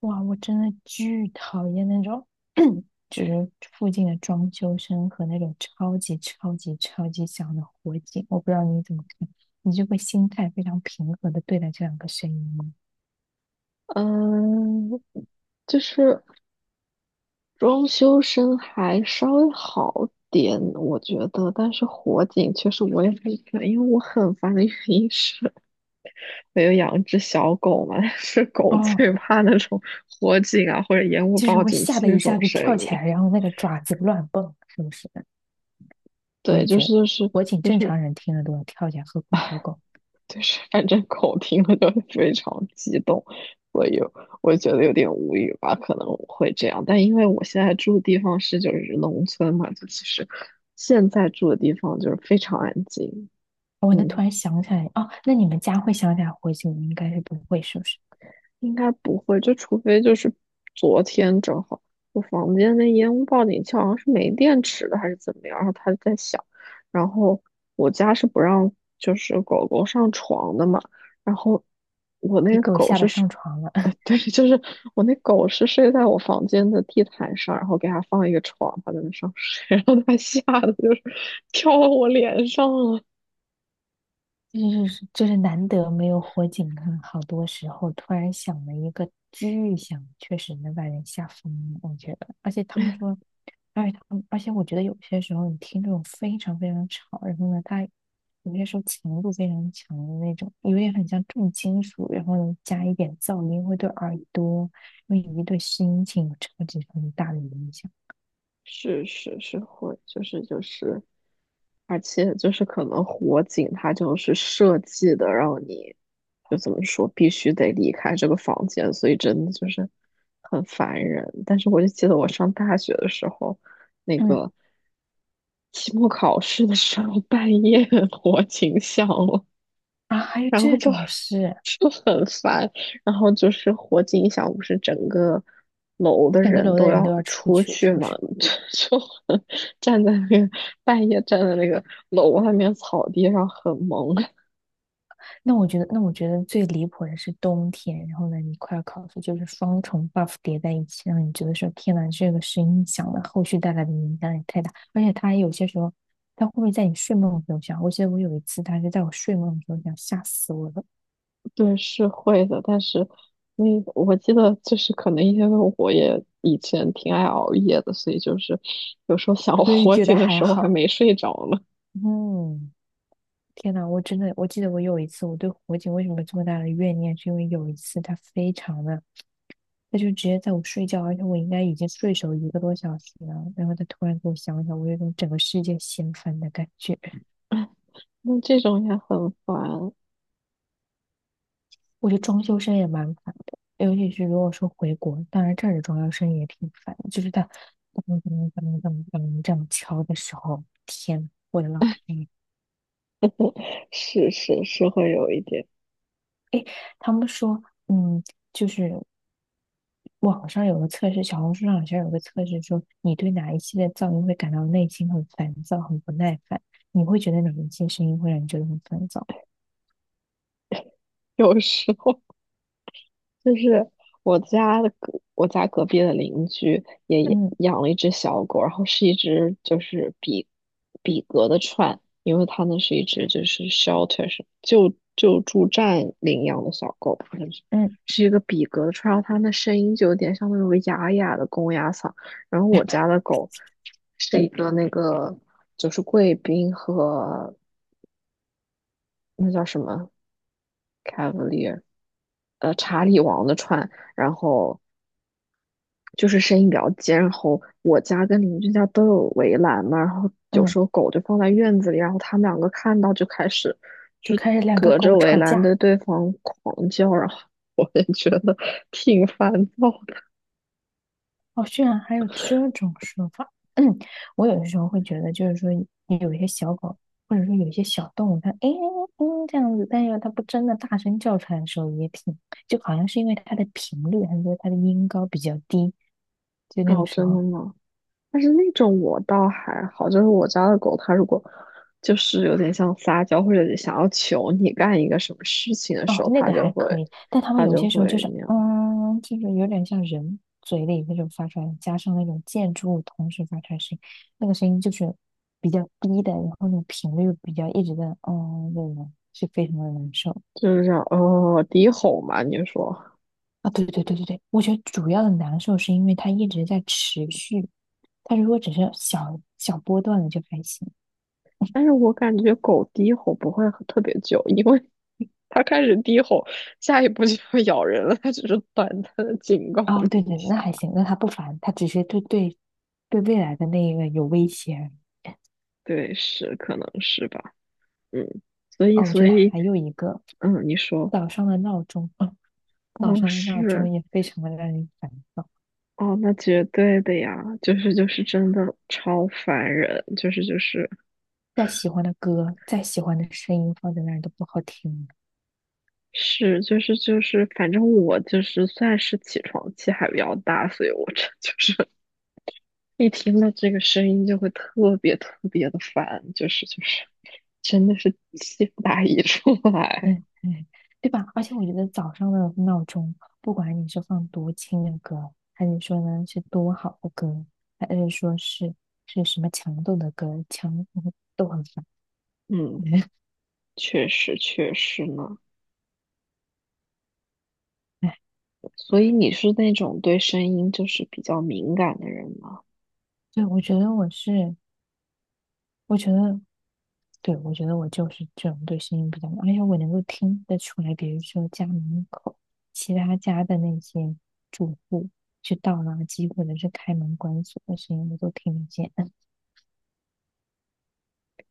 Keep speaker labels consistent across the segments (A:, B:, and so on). A: 哇，我真的巨讨厌那种，就是附近的装修声和那种超级超级超级响的火警。我不知道你怎么看，你就会心态非常平和的对待这两个声音吗？
B: 嗯，就是装修声还稍微好点，我觉得，但是火警确实我也很烦，因为我很烦的原因是，我有养一只小狗嘛，但是狗
A: 哦，
B: 最怕那种火警啊或者烟雾
A: 就是
B: 报
A: 会
B: 警
A: 吓
B: 器
A: 得
B: 这
A: 一
B: 种
A: 下子
B: 声
A: 跳起
B: 音。
A: 来，然后那个爪子乱蹦，是不是？我
B: 对，
A: 也觉得火警
B: 就
A: 正
B: 是
A: 常人听了都要跳起来，何况小狗。
B: 就是反正口听了都非常激动，所以我觉得有点无语吧，可能我会这样。但因为我现在住的地方就是农村嘛，就其实现在住的地方就是非常安静，
A: 哦，那突
B: 嗯。
A: 然想起来，哦，那你们家会想起来火警，应该是不会，是不是？
B: 应该不会，就除非就是昨天正好我房间那烟雾报警器好像是没电池了还是怎么样，然后它在响，然后我家是不让就是狗狗上床的嘛，然后我那
A: 给
B: 个
A: 狗
B: 狗
A: 吓
B: 是
A: 得
B: 睡，
A: 上床了。
B: 对，就是我那狗是睡在我房间的地毯上，然后给它放一个床，它在那上睡，然后它吓得就是 跳到我脸上了，
A: 就是难得没有火警啊，很好多时候突然响了一个巨响，确实能把人吓疯，我觉得。而且他们说，而且我觉得有些时候你听这种非常非常吵，然后呢，它有些时候强度非常强的那种，有点很像重金属，然后呢加一点噪音，会对耳朵，因为你对心情有超级超级大的影响。
B: 是是是会，就是。而且就是可能火警它就是设计的，让你就怎么说，必须得离开这个房间，所以真的就是很烦人。但是我就记得我上大学的时候，那
A: 嗯，
B: 个期末考试的时候，半夜 火警响了，
A: 啊，还有
B: 然后
A: 这
B: 就
A: 种事，
B: 就很烦，然后就是火警一响，不是整个楼的
A: 整个
B: 人
A: 楼的
B: 都
A: 人都
B: 要
A: 要出
B: 出
A: 去，
B: 去
A: 是不
B: 嘛，
A: 是？
B: 就很站在那个半夜站在那个楼外面草地上很萌，
A: 那我觉得最离谱的是冬天，然后呢，你快要考试，就是双重 buff 叠在一起，让你觉得说，天呐，这个声音响了，后续带来的影响也太大。而且它有些时候，他会不会在你睡梦的时候响？我记得我有一次，他是在我睡梦的时候响，吓死我了。
B: 对，是会的，但是那我记得就是可能因为我也以前挺爱熬夜的，所以就是有时候想
A: 所以
B: 火
A: 觉得
B: 警的
A: 还
B: 时候还
A: 好。
B: 没睡着呢，
A: 嗯，天呐，我真的，我记得我有一次，我对火警为什么这么大的怨念，是因为有一次他非常的。他就直接在我睡觉，而且我应该已经睡熟一个多小时了，然后他突然给我想想，我有种整个世界掀翻的感觉。
B: 那这种也很烦，
A: 我觉得装修声也蛮烦的，尤其是如果说回国，当然这儿的装修声也挺烦的，就是他噔噔噔噔噔这样敲的时候，天，我的老天爷！
B: 是是是会有一点，
A: 诶，他们说，嗯，就是网上有个测试，小红书上好像有个测试说，你对哪一系列噪音会感到内心很烦躁、很不耐烦？你会觉得哪一些声音会让你觉得很烦躁？
B: 有时候。就是我家隔壁的邻居也
A: 嗯
B: 养了一只小狗，然后是一只就是比格的串，因为它那是一只就是 shelter 是救助站领养的小狗，好像是
A: 嗯
B: 是一个比格的串，然后它那声音就有点像那种哑哑的公鸭嗓。然后我家的狗是一个那个就是贵宾和那叫什么 Cavalier，查理王的串。然后就是声音比较尖，然后我家跟邻居家都有围栏嘛，然后有
A: 嗯，
B: 时候狗就放在院子里，然后他们两个看到就开始
A: 就
B: 就是
A: 开始两个
B: 隔着
A: 狗
B: 围
A: 吵
B: 栏
A: 架。
B: 对对方狂叫，然后 我也觉得挺烦躁的。
A: 哦，居然还有这种说法。嗯，我有的时候会觉得，就是说有一些小狗，或者说有一些小动物，它诶嗯这样子，但是它不真的大声叫出来的时候，也挺，就好像是因为它的频率还是说它的音高比较低，就那个
B: 哦，
A: 时
B: 真的
A: 候。
B: 吗？但是那种我倒还好，就是我家的狗，它如果就是有点像撒娇或者想要求你干一个什么事情的时
A: 哦，
B: 候，
A: 那
B: 它
A: 个
B: 就
A: 还可
B: 会
A: 以，但他们
B: 它
A: 有
B: 就
A: 些时候就
B: 会
A: 是，
B: 那样，
A: 嗯，就是有点像人嘴里那种发出来，加上那种建筑物同时发出来的声音，那个声音就是比较低的，然后那种频率比较一直在，嗯，那种是非常的难受
B: 就是这样哦低吼嘛，你说。
A: 啊。对对对对对，我觉得主要的难受是因为它一直在持续，它如果只是小小波段的就还行。
B: 但是我感觉狗低吼不会很特别久，因为 它开始低吼，下一步就要咬人了。它只是短暂的警告
A: 哦，
B: 你
A: 对
B: 一
A: 对，那
B: 下。
A: 还行，那它不烦，它只是对未来的那个有威胁而已
B: 对，是，可能是吧。嗯，所以，
A: 哦，我觉
B: 所
A: 得
B: 以，
A: 还有一个。
B: 嗯，你说，
A: 早上的闹钟，嗯，早
B: 哦，
A: 上的闹
B: 是，
A: 钟也非常的让人烦躁。
B: 哦，那绝对的呀，就是真的超烦人，就是就是
A: 再喜欢的歌，再喜欢的声音放在那儿都不好听，
B: 是就是就是，反正我就是算是起床气还比较大，所以我这就是一听到这个声音就会特别特别的烦，真的是气不打一处来。
A: 嗯嗯，对吧？而且我觉得早上的闹钟，不管你是放多轻的歌，还是说呢是多好的歌，还是说是什么强度的歌，强都很烦。
B: 嗯，确实确实呢。
A: 哎，
B: 所以你是那种对声音就是比较敏感的人吗？
A: 对，我觉得我是我觉得，对，我觉得我就是这种对声音比较敏感，而且我能够听得出来，比如说家门口其他家的那些住户去倒垃圾或者是开门关锁的声音，我都听得见。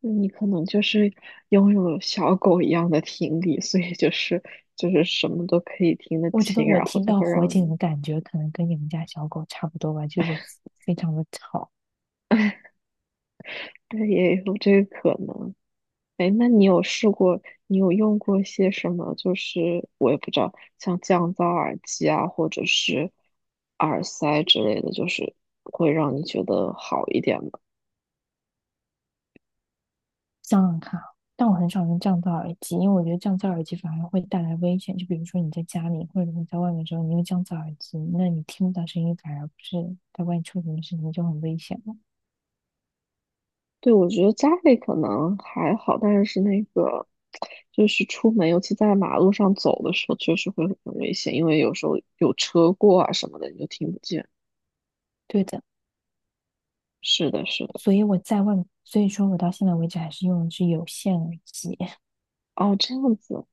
B: 那你可能就是拥有了小狗一样的听力，所以就是什么都可以听得
A: 我觉得
B: 清，
A: 我
B: 然后
A: 听
B: 就
A: 到
B: 会
A: 火
B: 让
A: 警
B: 你，
A: 的感觉，可能跟你们家小狗差不多吧，就是非常的吵。
B: 对，也有这个可能。哎，那你有试过，你有用过一些什么？就是我也不知道，像降噪耳机啊，或者是耳塞之类的，就是会让你觉得好一点吗？
A: 想想看啊但我很少用降噪耳机，因为我觉得降噪耳机反而会带来危险。就比如说你在家里或者你在外面的时候，你用降噪耳机，那你听不到声音，反而不是在外面出什么事情就很危险了。
B: 对，我觉得家里可能还好，但是那个就是出门，尤其在马路上走的时候，确实会很危险，因为有时候有车过啊什么的，你就听不见。
A: 对的，
B: 是的，是的。
A: 所以我在外，所以说我到现在为止还是用的是有线耳机。
B: 哦，这样子。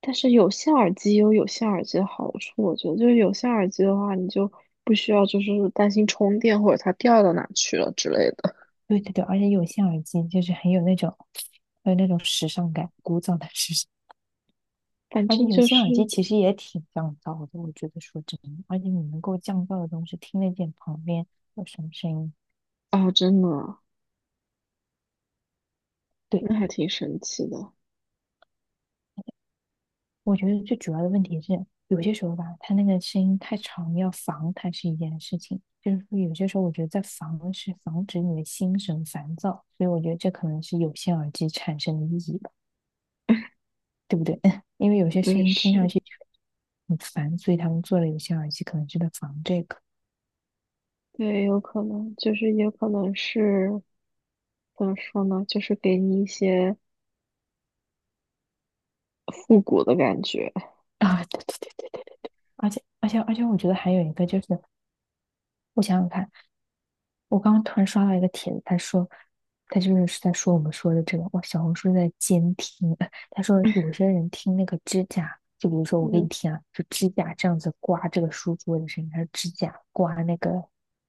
B: 但是有线耳机也有有线耳机的好处，我觉得就是有线耳机的话，你就不需要就是担心充电或者它掉到哪去了之类的。
A: 对对对，而且有线耳机就是很有那种，很有那种时尚感，古早的时尚。
B: 反
A: 而且
B: 正
A: 有
B: 就
A: 线耳机
B: 是
A: 其实也挺降噪的，我觉得说真的，而且你能够降噪的东西听得见旁边有什么声音。
B: 哦，真的啊，
A: 对，
B: 那还挺神奇的。
A: 我觉得最主要的问题是，有些时候吧，他那个声音太长，要防它是一件事情。就是说，有些时候我觉得在防是防止你的心神烦躁，所以我觉得这可能是有线耳机产生的意义吧，对不对？因为有些声
B: 对，
A: 音听
B: 是，
A: 上去很烦，所以他们做了有线耳机，可能就在防这个
B: 对，有可能就是也可能是怎么说呢，就是给你一些复古的感觉。
A: 啊。对对对对，而且，我觉得还有一个就是，我想想看。我刚刚突然刷到一个帖子，他说，他就是在说我们说的这个，哇，小红书在监听。他说有些人听那个指甲，就比如说我给你
B: 嗯，
A: 听啊，就指甲这样子刮这个书桌的声音，还是指甲刮那个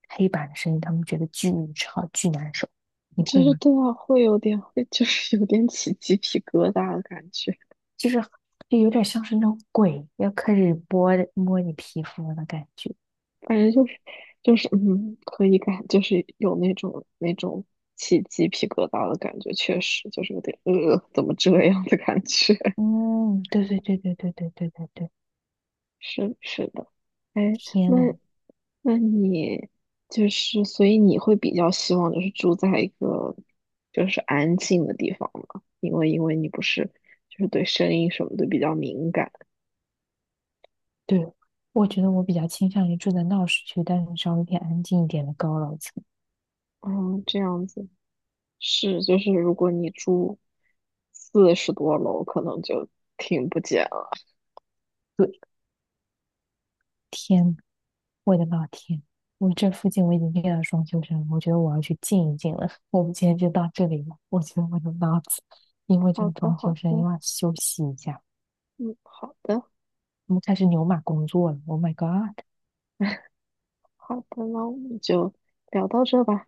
A: 黑板的声音，他们觉得巨吵巨难受。你
B: 就
A: 会
B: 是
A: 吗？
B: 对啊，会就是有点起鸡皮疙瘩的感觉。
A: 就是就有点像是那种鬼要开始摸摸你皮肤的感觉。
B: 反正就是可以感就是有那种起鸡皮疙瘩的感觉，确实就是有点怎么这样的感觉？
A: 嗯，对对对对对对对对对，
B: 是是的，哎，
A: 天
B: 那
A: 呐，
B: 那你就是，所以你会比较希望就是住在一个就是安静的地方吗？因为你不是就是对声音什么的比较敏感，
A: 对，我觉得我比较倾向于住在闹市区，但是稍微偏安静一点的高楼层。
B: 嗯，这样子是就是如果你住40多楼，可能就听不见。
A: 对，天，我的老天，我这附近我已经遇到双休生了，我觉得我要去静一静了。我们今天就到这里了，我觉得我的脑子因为这
B: 好
A: 个
B: 的，
A: 装
B: 好
A: 修声
B: 的，
A: 又要休息一下，
B: 嗯，好的，
A: 我们开始牛马工作了。Oh my god！
B: 好的，那我们就聊到这吧。